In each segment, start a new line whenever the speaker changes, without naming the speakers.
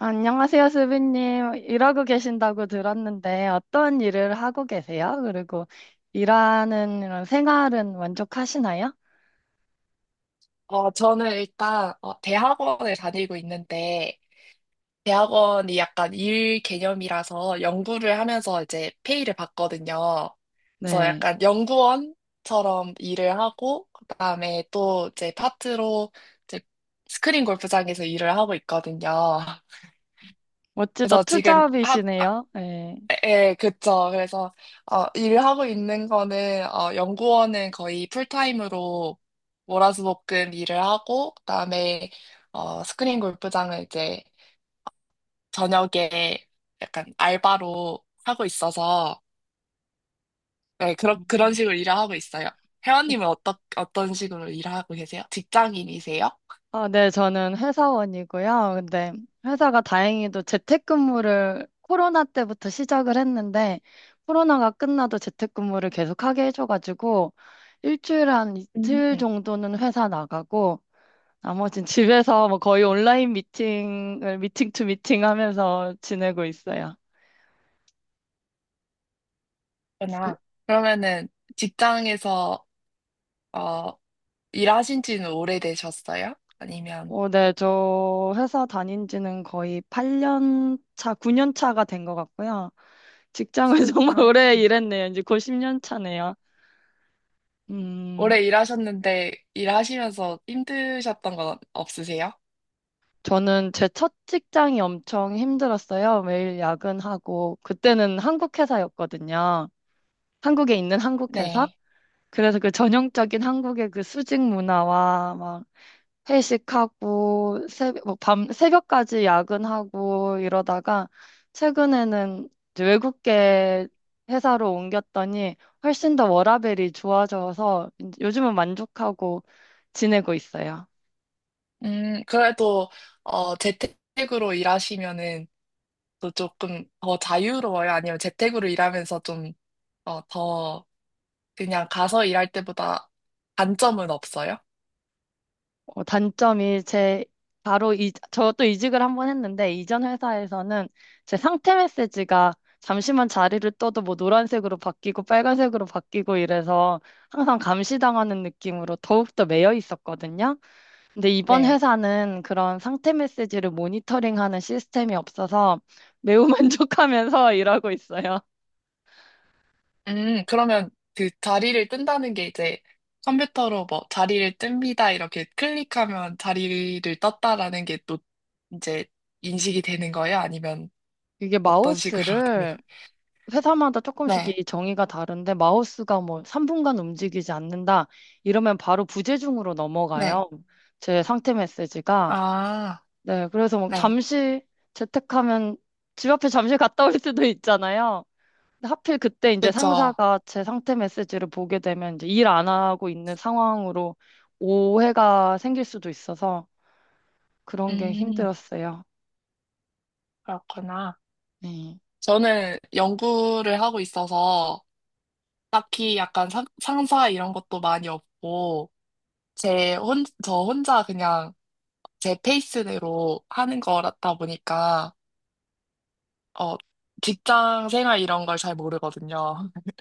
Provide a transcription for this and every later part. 안녕하세요, 수빈님. 일하고 계신다고 들었는데 어떤 일을 하고 계세요? 그리고 일하는 이런 생활은 만족하시나요?
저는 일단 대학원을 다니고 있는데 대학원이 약간 일 개념이라서 연구를 하면서 이제 페이를 받거든요. 그래서
네.
약간 연구원처럼 일을 하고 그다음에 또 이제 파트로 이제 스크린 골프장에서 일을 하고 있거든요.
멋지다.
그래서 지금
투잡이시네요. 네.
예, 그쵸. 그래서, 일하고 있는 거는, 연구원은 거의 풀타임으로 월화수목금 일을 하고, 그다음에, 스크린 골프장을 이제 저녁에 약간 알바로 하고 있어서, 네, 그런
음.
식으로 일을 하고 있어요. 회원님은 어떤 식으로 일을 하고 계세요? 직장인이세요?
아, 네. 저는 회사원이고요. 근데 회사가 다행히도 재택근무를 코로나 때부터 시작을 했는데 코로나가 끝나도 재택근무를 계속하게 해줘가지고 일주일에 한
음.
이틀
네,
정도는 회사 나가고 나머진 집에서 뭐 거의 온라인 미팅을 미팅 투 미팅 하면서 지내고 있어요.
그러나 그러면은 직장에서, 어, 일하신 지는 오래되셨어요? 아니면?
네, 저 회사 다닌 지는 거의 8년 차, 9년 차가 된 것 같고요. 직장을 정말 오래 일했네요. 이제 곧 10년 차네요. 음,
오래 일하셨는데 일하시면서 힘드셨던 건 없으세요?
저는 제 첫 직장이 엄청 힘들었어요. 매일 야근하고, 그때는 한국 회사였거든요. 한국에 있는 한국 회사?
네.
그래서 그 전형적인 한국의 그 수직 문화와 막 회식하고 새벽, 뭐밤 새벽까지 야근하고 이러다가 최근에는 이제 외국계 회사로 옮겼더니 훨씬 더 워라밸이 좋아져서 이제 요즘은 만족하고 지내고 있어요.
그래도 재택으로 일하시면은 또 조금 더 자유로워요? 아니면 재택으로 일하면서 좀 더 그냥 가서 일할 때보다 단점은 없어요?
어, 단점이 제 바로 이, 저도 이직을 한 번 했는데 이전 회사에서는 제 상태 메시지가 잠시만 자리를 떠도 뭐 노란색으로 바뀌고 빨간색으로 바뀌고 이래서 항상 감시당하는 느낌으로 더욱더 매여 있었거든요. 근데 이번
네.
회사는 그런 상태 메시지를 모니터링하는 시스템이 없어서 매우 만족하면서 일하고 있어요.
그러면 그 자리를 뜬다는 게 이제 컴퓨터로 뭐 자리를 뜹니다 이렇게 클릭하면 자리를 떴다라는 게 또 이제 인식이 되는 거예요? 아니면
이게
어떤 식으로 되는
마우스를
거예요?
회사마다 조금씩
네,
이 정의가 다른데 마우스가 뭐 3분간 움직이지 않는다 이러면 바로 부재중으로
네.
넘어가요. 제 상태 메시지가.
아,
네, 그래서 뭐
네.
잠시 재택하면 집 앞에 잠시 갔다 올 수도 있잖아요. 근데 하필 그때 이제
그쵸.
상사가 제 상태 메시지를 보게 되면 이제 일 안 하고 있는 상황으로 오해가 생길 수도 있어서 그런 게
음,
힘들었어요.
그렇구나.
네.
저는 연구를 하고 있어서 딱히 약간 상사 이런 것도 많이 없고, 저 혼자 그냥 제 페이스대로 하는 거다 보니까, 어, 직장 생활 이런 걸 잘 모르거든요.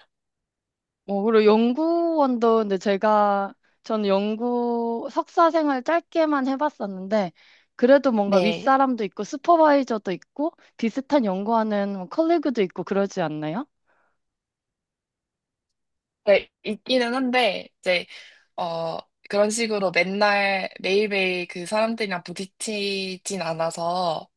뭐, 그리고 연구원도 근데 제가, 저는 연구 석사 생활 짧게만 해봤었는데, 그래도 뭔가
네.
윗사람도 있고, 슈퍼바이저도 있고, 비슷한 연구하는 뭐 컬리그도 있고, 그러지 않나요?
네, 있기는 한데, 이제, 어, 그런 식으로 맨날 매일매일 그 사람들이랑 부딪히진 않아서,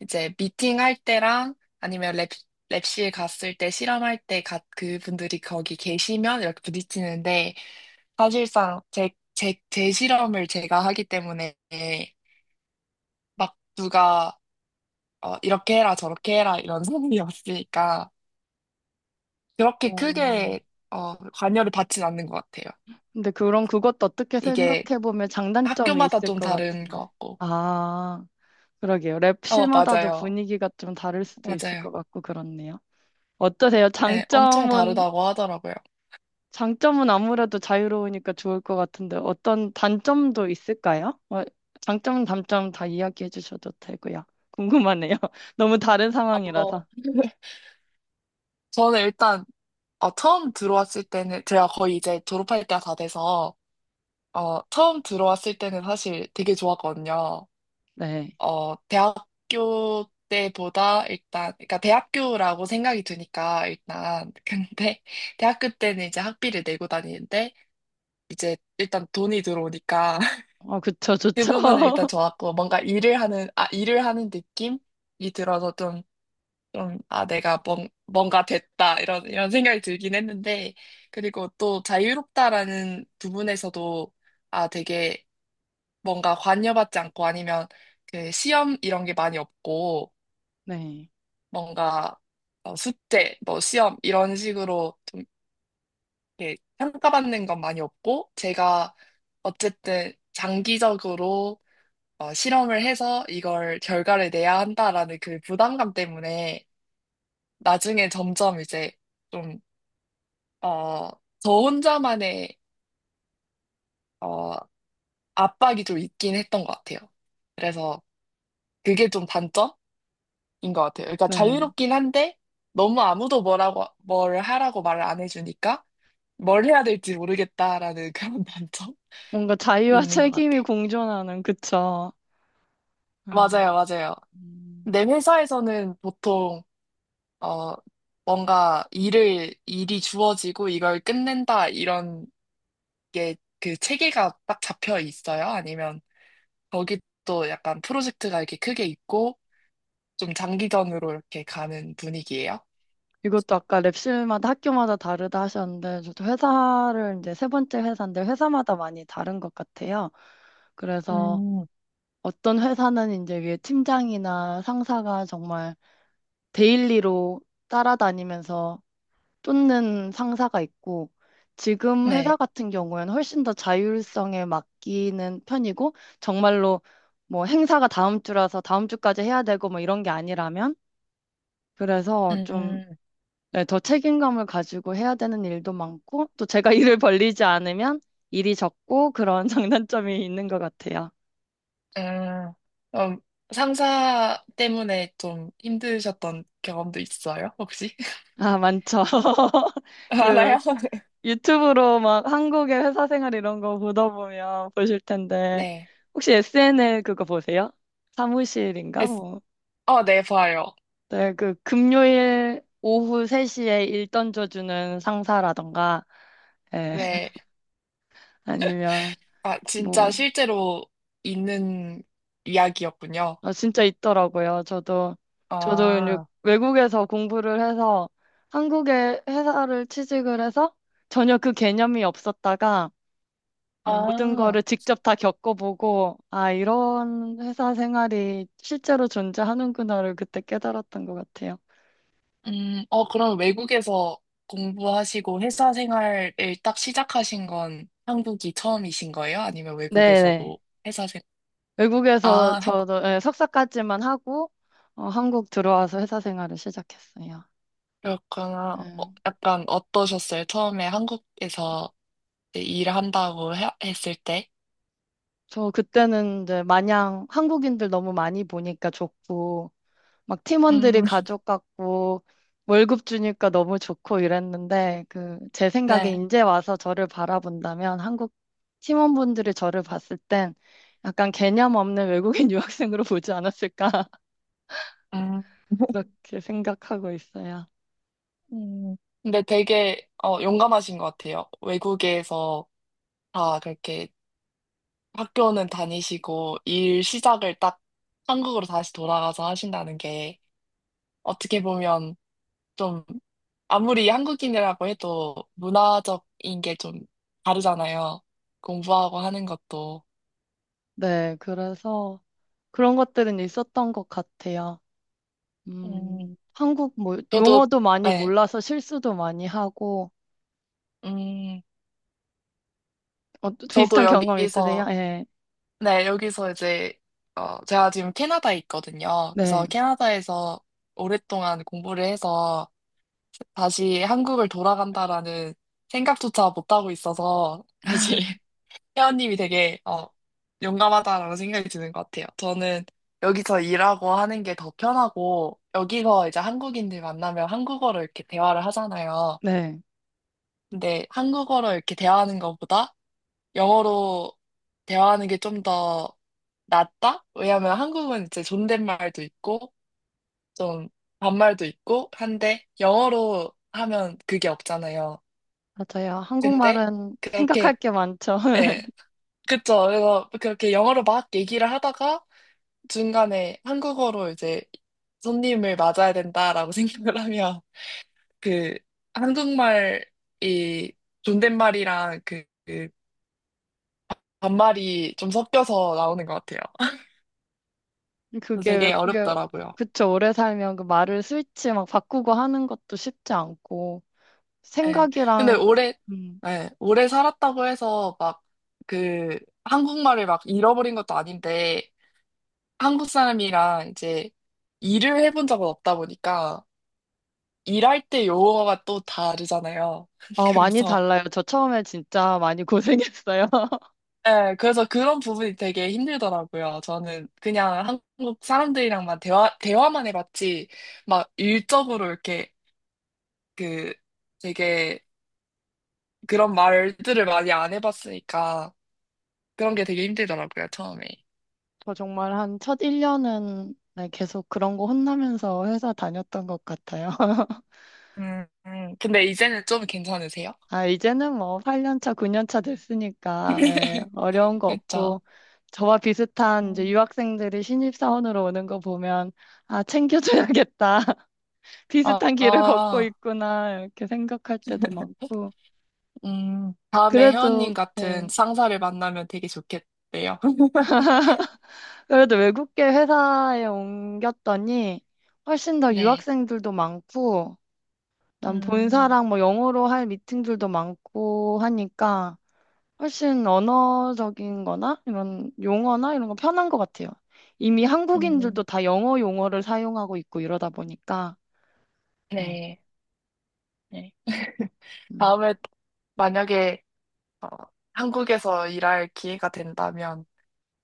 이제 미팅할 때랑 아니면 랩실 갔을 때 실험할 때 그분들이 거기 계시면 이렇게 부딪히는데 사실상 제 실험을 제가 하기 때문에 막 누가 이렇게 해라 저렇게 해라 이런 소문이 없으니까 그렇게
음.
크게 관여를 받진 않는 것 같아요.
근데 그럼 그것도 어떻게
이게
생각해보면 장단점이
학교마다
있을
좀
것
다른 것
같은데.
같고.
아. 그러게요. 랩실마다도
맞아요.
분위기가 좀 다를 수도 있을
맞아요.
것 같고 그렇네요. 어떠세요?
네, 엄청
장점은,
다르다고 하더라고요.
장점은 아무래도 자유로우니까 좋을 것 같은데 어떤 단점도 있을까요? 어, 장점, 단점 다 이야기해 주셔도 되고요. 궁금하네요. 너무 다른
어,
상황이라서.
저는 일단 처음 들어왔을 때는 제가 거의 이제 졸업할 때가 다 돼서 처음 들어왔을 때는 사실 되게 좋았거든요.
네.
대학교 때보다 일단 그러니까 대학교라고 생각이 드니까 일단 근데 대학교 때는 이제 학비를 내고 다니는데 이제 일단 돈이 들어오니까
어, 그쵸,
그
좋죠.
부분은 일단 좋았고 뭔가 일을 하는 느낌이 들어서 좀, 아, 내가 뭔가 됐다, 이런 생각이 들긴 했는데, 그리고 또 자유롭다라는 부분에서도, 아, 되게 뭔가 관여받지 않고 아니면 그 시험 이런 게 많이 없고,
네.
뭔가 숙제, 뭐 시험 이런 식으로 좀 이렇게 평가받는 건 많이 없고, 제가 어쨌든 장기적으로 실험을 해서 이걸 결과를 내야 한다라는 그 부담감 때문에 나중에 점점 이제 좀 어, 저 혼자만의 어, 압박이 좀 있긴 했던 것 같아요. 그래서 그게 좀 단점인 것 같아요. 그러니까
네.
자유롭긴 한데 너무 아무도 뭐라고 뭘 하라고 말을 안 해주니까 뭘 해야 될지 모르겠다라는 그런 단점이
뭔가 자유와
있는 것
책임이
같아요.
공존하는, 그쵸. 네.
맞아요, 맞아요.
음.
내 회사에서는 보통 어, 뭔가 일을 일이 주어지고 이걸 끝낸다 이런 게 그 체계가 딱 잡혀 있어요? 아니면 거기 또 약간 프로젝트가 이렇게 크게 있고 좀 장기전으로 이렇게 가는 분위기예요.
이것도 아까 랩실마다 학교마다 다르다 하셨는데, 저도 회사를 이제 세 번째 회사인데, 회사마다 많이 다른 것 같아요. 그래서
음,
어떤 회사는 이제 위에 팀장이나 상사가 정말 데일리로 따라다니면서 쫓는 상사가 있고, 지금 회사
네.
같은 경우에는 훨씬 더 자율성에 맡기는 편이고, 정말로 뭐 행사가 다음 주라서 다음 주까지 해야 되고 뭐 이런 게 아니라면, 그래서 좀
음,
네, 더 책임감을 가지고 해야 되는 일도 많고, 또 제가 일을 벌리지 않으면 일이 적고 그런 장단점이 있는 것 같아요.
음, 그럼 상사 때문에 좀 힘드셨던 경험도 있어요, 혹시?
아, 많죠. 그
알아요?
유튜브로 막 한국의 회사 생활 이런 거 보다 보면 보실 텐데,
네.
혹시 SNL 그거 보세요? 사무실인가?
에스-
뭐.
네, 봐요.
네, 그 금요일 오후 3시에 일 던져주는 상사라던가, 예,
네.
아니면
아, 진짜
뭐,
실제로 있는 이야기였군요.
아 진짜 있더라고요. 저도 이제
아,
외국에서 공부를 해서 한국의 회사를 취직을 해서 전혀 그 개념이 없었다가 예, 모든
아.
거를 직접 다 겪어보고, 아, 이런 회사 생활이 실제로 존재하는구나를 그때 깨달았던 것 같아요.
그럼 외국에서 공부하시고 회사 생활을 딱 시작하신 건 한국이 처음이신 거예요? 아니면
네네.
외국에서도 회사 생,
외국에서
아, 하-
저도 예, 석사까지만 하고, 어, 한국 들어와서 회사 생활을 시작했어요.
그렇구나.
예.
약간 어떠셨어요? 처음에 한국에서 이제 일을 한다고 했을 때?
저 그때는 이제 마냥 한국인들 너무 많이 보니까 좋고, 막 팀원들이
음,
가족 같고 월급 주니까 너무 좋고 이랬는데 그 제 생각에
네.
이제 와서 저를 바라본다면 한국 팀원분들이 저를 봤을 땐 약간 개념 없는 외국인 유학생으로 보지 않았을까
음,
그렇게 생각하고 있어요.
음. 근데 되게 용감하신 것 같아요. 외국에서 다 그렇게 학교는 다니시고 일 시작을 딱 한국으로 다시 돌아가서 하신다는 게. 어떻게 보면 좀 아무리 한국인이라고 해도 문화적인 게 좀 다르잖아요. 공부하고 하는 것도.
네, 그래서 그런 것들은 있었던 것 같아요.
음,
한국 뭐
저도,
용어도 많이
네,
몰라서 실수도 많이 하고
음,
어,
저도
비슷한 경험 있으세요?
여기서,
예.
네, 여기서 이제, 제가 지금 캐나다에 있거든요.
네,
그래서 캐나다에서 오랫동안 공부를 해서 다시 한국을 돌아간다라는 생각조차 못하고 있어서, 사실. 혜원님이 되게 용감하다라는 생각이 드는 것 같아요. 저는 여기서 일하고 하는 게 더 편하고 여기서 이제 한국인들 만나면 한국어로 이렇게 대화를 하잖아요.
네.
근데 한국어로 이렇게 대화하는 것보다 영어로 대화하는 게 좀 더 낫다? 왜냐하면 한국은 이제 존댓말도 있고 좀 반말도 있고 한데 영어로 하면 그게 없잖아요.
맞아요.
근데
한국말은 생각할
그렇게
게 많죠.
예. 그쵸. 그래서 그렇게 영어로 막 얘기를 하다가 중간에 한국어로 이제 손님을 맞아야 된다라고 생각을 하면 그 한국말이 존댓말이랑 그 반말이 좀 섞여서 나오는 것 같아요. 그래서
그게
되게
외국에,
어렵더라고요.
그쵸. 오래 살면 그 말을 스위치 막 바꾸고 하는 것도 쉽지 않고,
예. 근데
생각이랑,
오래,
음,
예, 오래 살았다고 해서 막 그 한국말을 막 잃어버린 것도 아닌데 한국 사람이랑 이제 일을 해본 적은 없다 보니까 일할 때 용어가 또 다르잖아요.
어, 많이
그래서
달라요. 저 처음에 진짜 많이 고생했어요.
네, 그래서 그런 부분이 되게 힘들더라고요. 저는 그냥 한국 사람들이랑만 대화만 해봤지, 막 일적으로 이렇게 그 되게 그런 말들을 많이 안 해봤으니까 그런 게 되게 힘들더라고요, 처음에.
저 정말 한 첫 1년은 계속 그런 거 혼나면서 회사 다녔던 것 같아요.
근데 이제는 좀 괜찮으세요?
아, 이제는 뭐 8년 차, 9년 차 됐으니까, 예, 어려운 거
그쵸?
없고, 저와 비슷한 이제
음.
유학생들이 신입사원으로 오는 거 보면, 아, 챙겨줘야겠다.
아,
비슷한 길을 걷고
아,
있구나. 이렇게 생각할 때도 많고.
다음에
그래도,
회원님 같은
예,
상사를 만나면 되게 좋겠대요.
그래도 외국계 회사에 옮겼더니, 훨씬 더
네.
유학생들도 많고, 난
음,
본사랑 뭐 영어로 할 미팅들도 많고 하니까, 훨씬 언어적인 거나 이런 용어나 이런 거 편한 것 같아요. 이미
음,
한국인들도 다 영어 용어를 사용하고 있고 이러다 보니까. 네.
네. 네.
음.
다음에 만약에 어, 한국에서 일할 기회가 된다면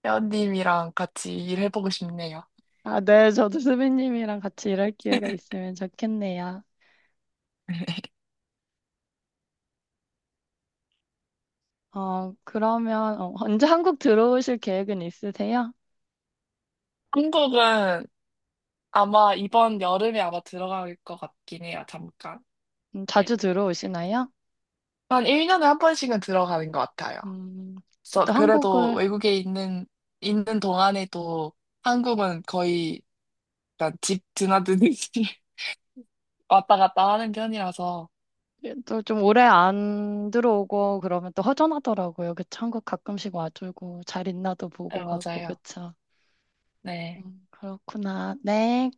회원님이랑 같이 일해보고 싶네요.
아, 네. 저도 수빈님이랑 같이 일할 기회가 있으면 좋겠네요. 어, 그러면 어, 언제 한국 들어오실 계획은 있으세요?
한국은 아마 이번 여름에 아마 들어갈 것 같긴 해요, 잠깐. 네.
자주 들어오시나요?
한 1년에 한 번씩은 들어가는 것 같아요.
음, 저
그래서
또
그래도
한국을
외국에 있는 동안에도 한국은 거의 약간 집 드나드듯이 왔다 갔다 하는 편이라서.
또 좀 오래 안 들어오고 그러면 또 허전하더라고요. 그쵸? 한국 가끔씩 와주고 잘 있나도
네,
보고 가고
맞아요.
그쵸?
네.
그렇구나. 네.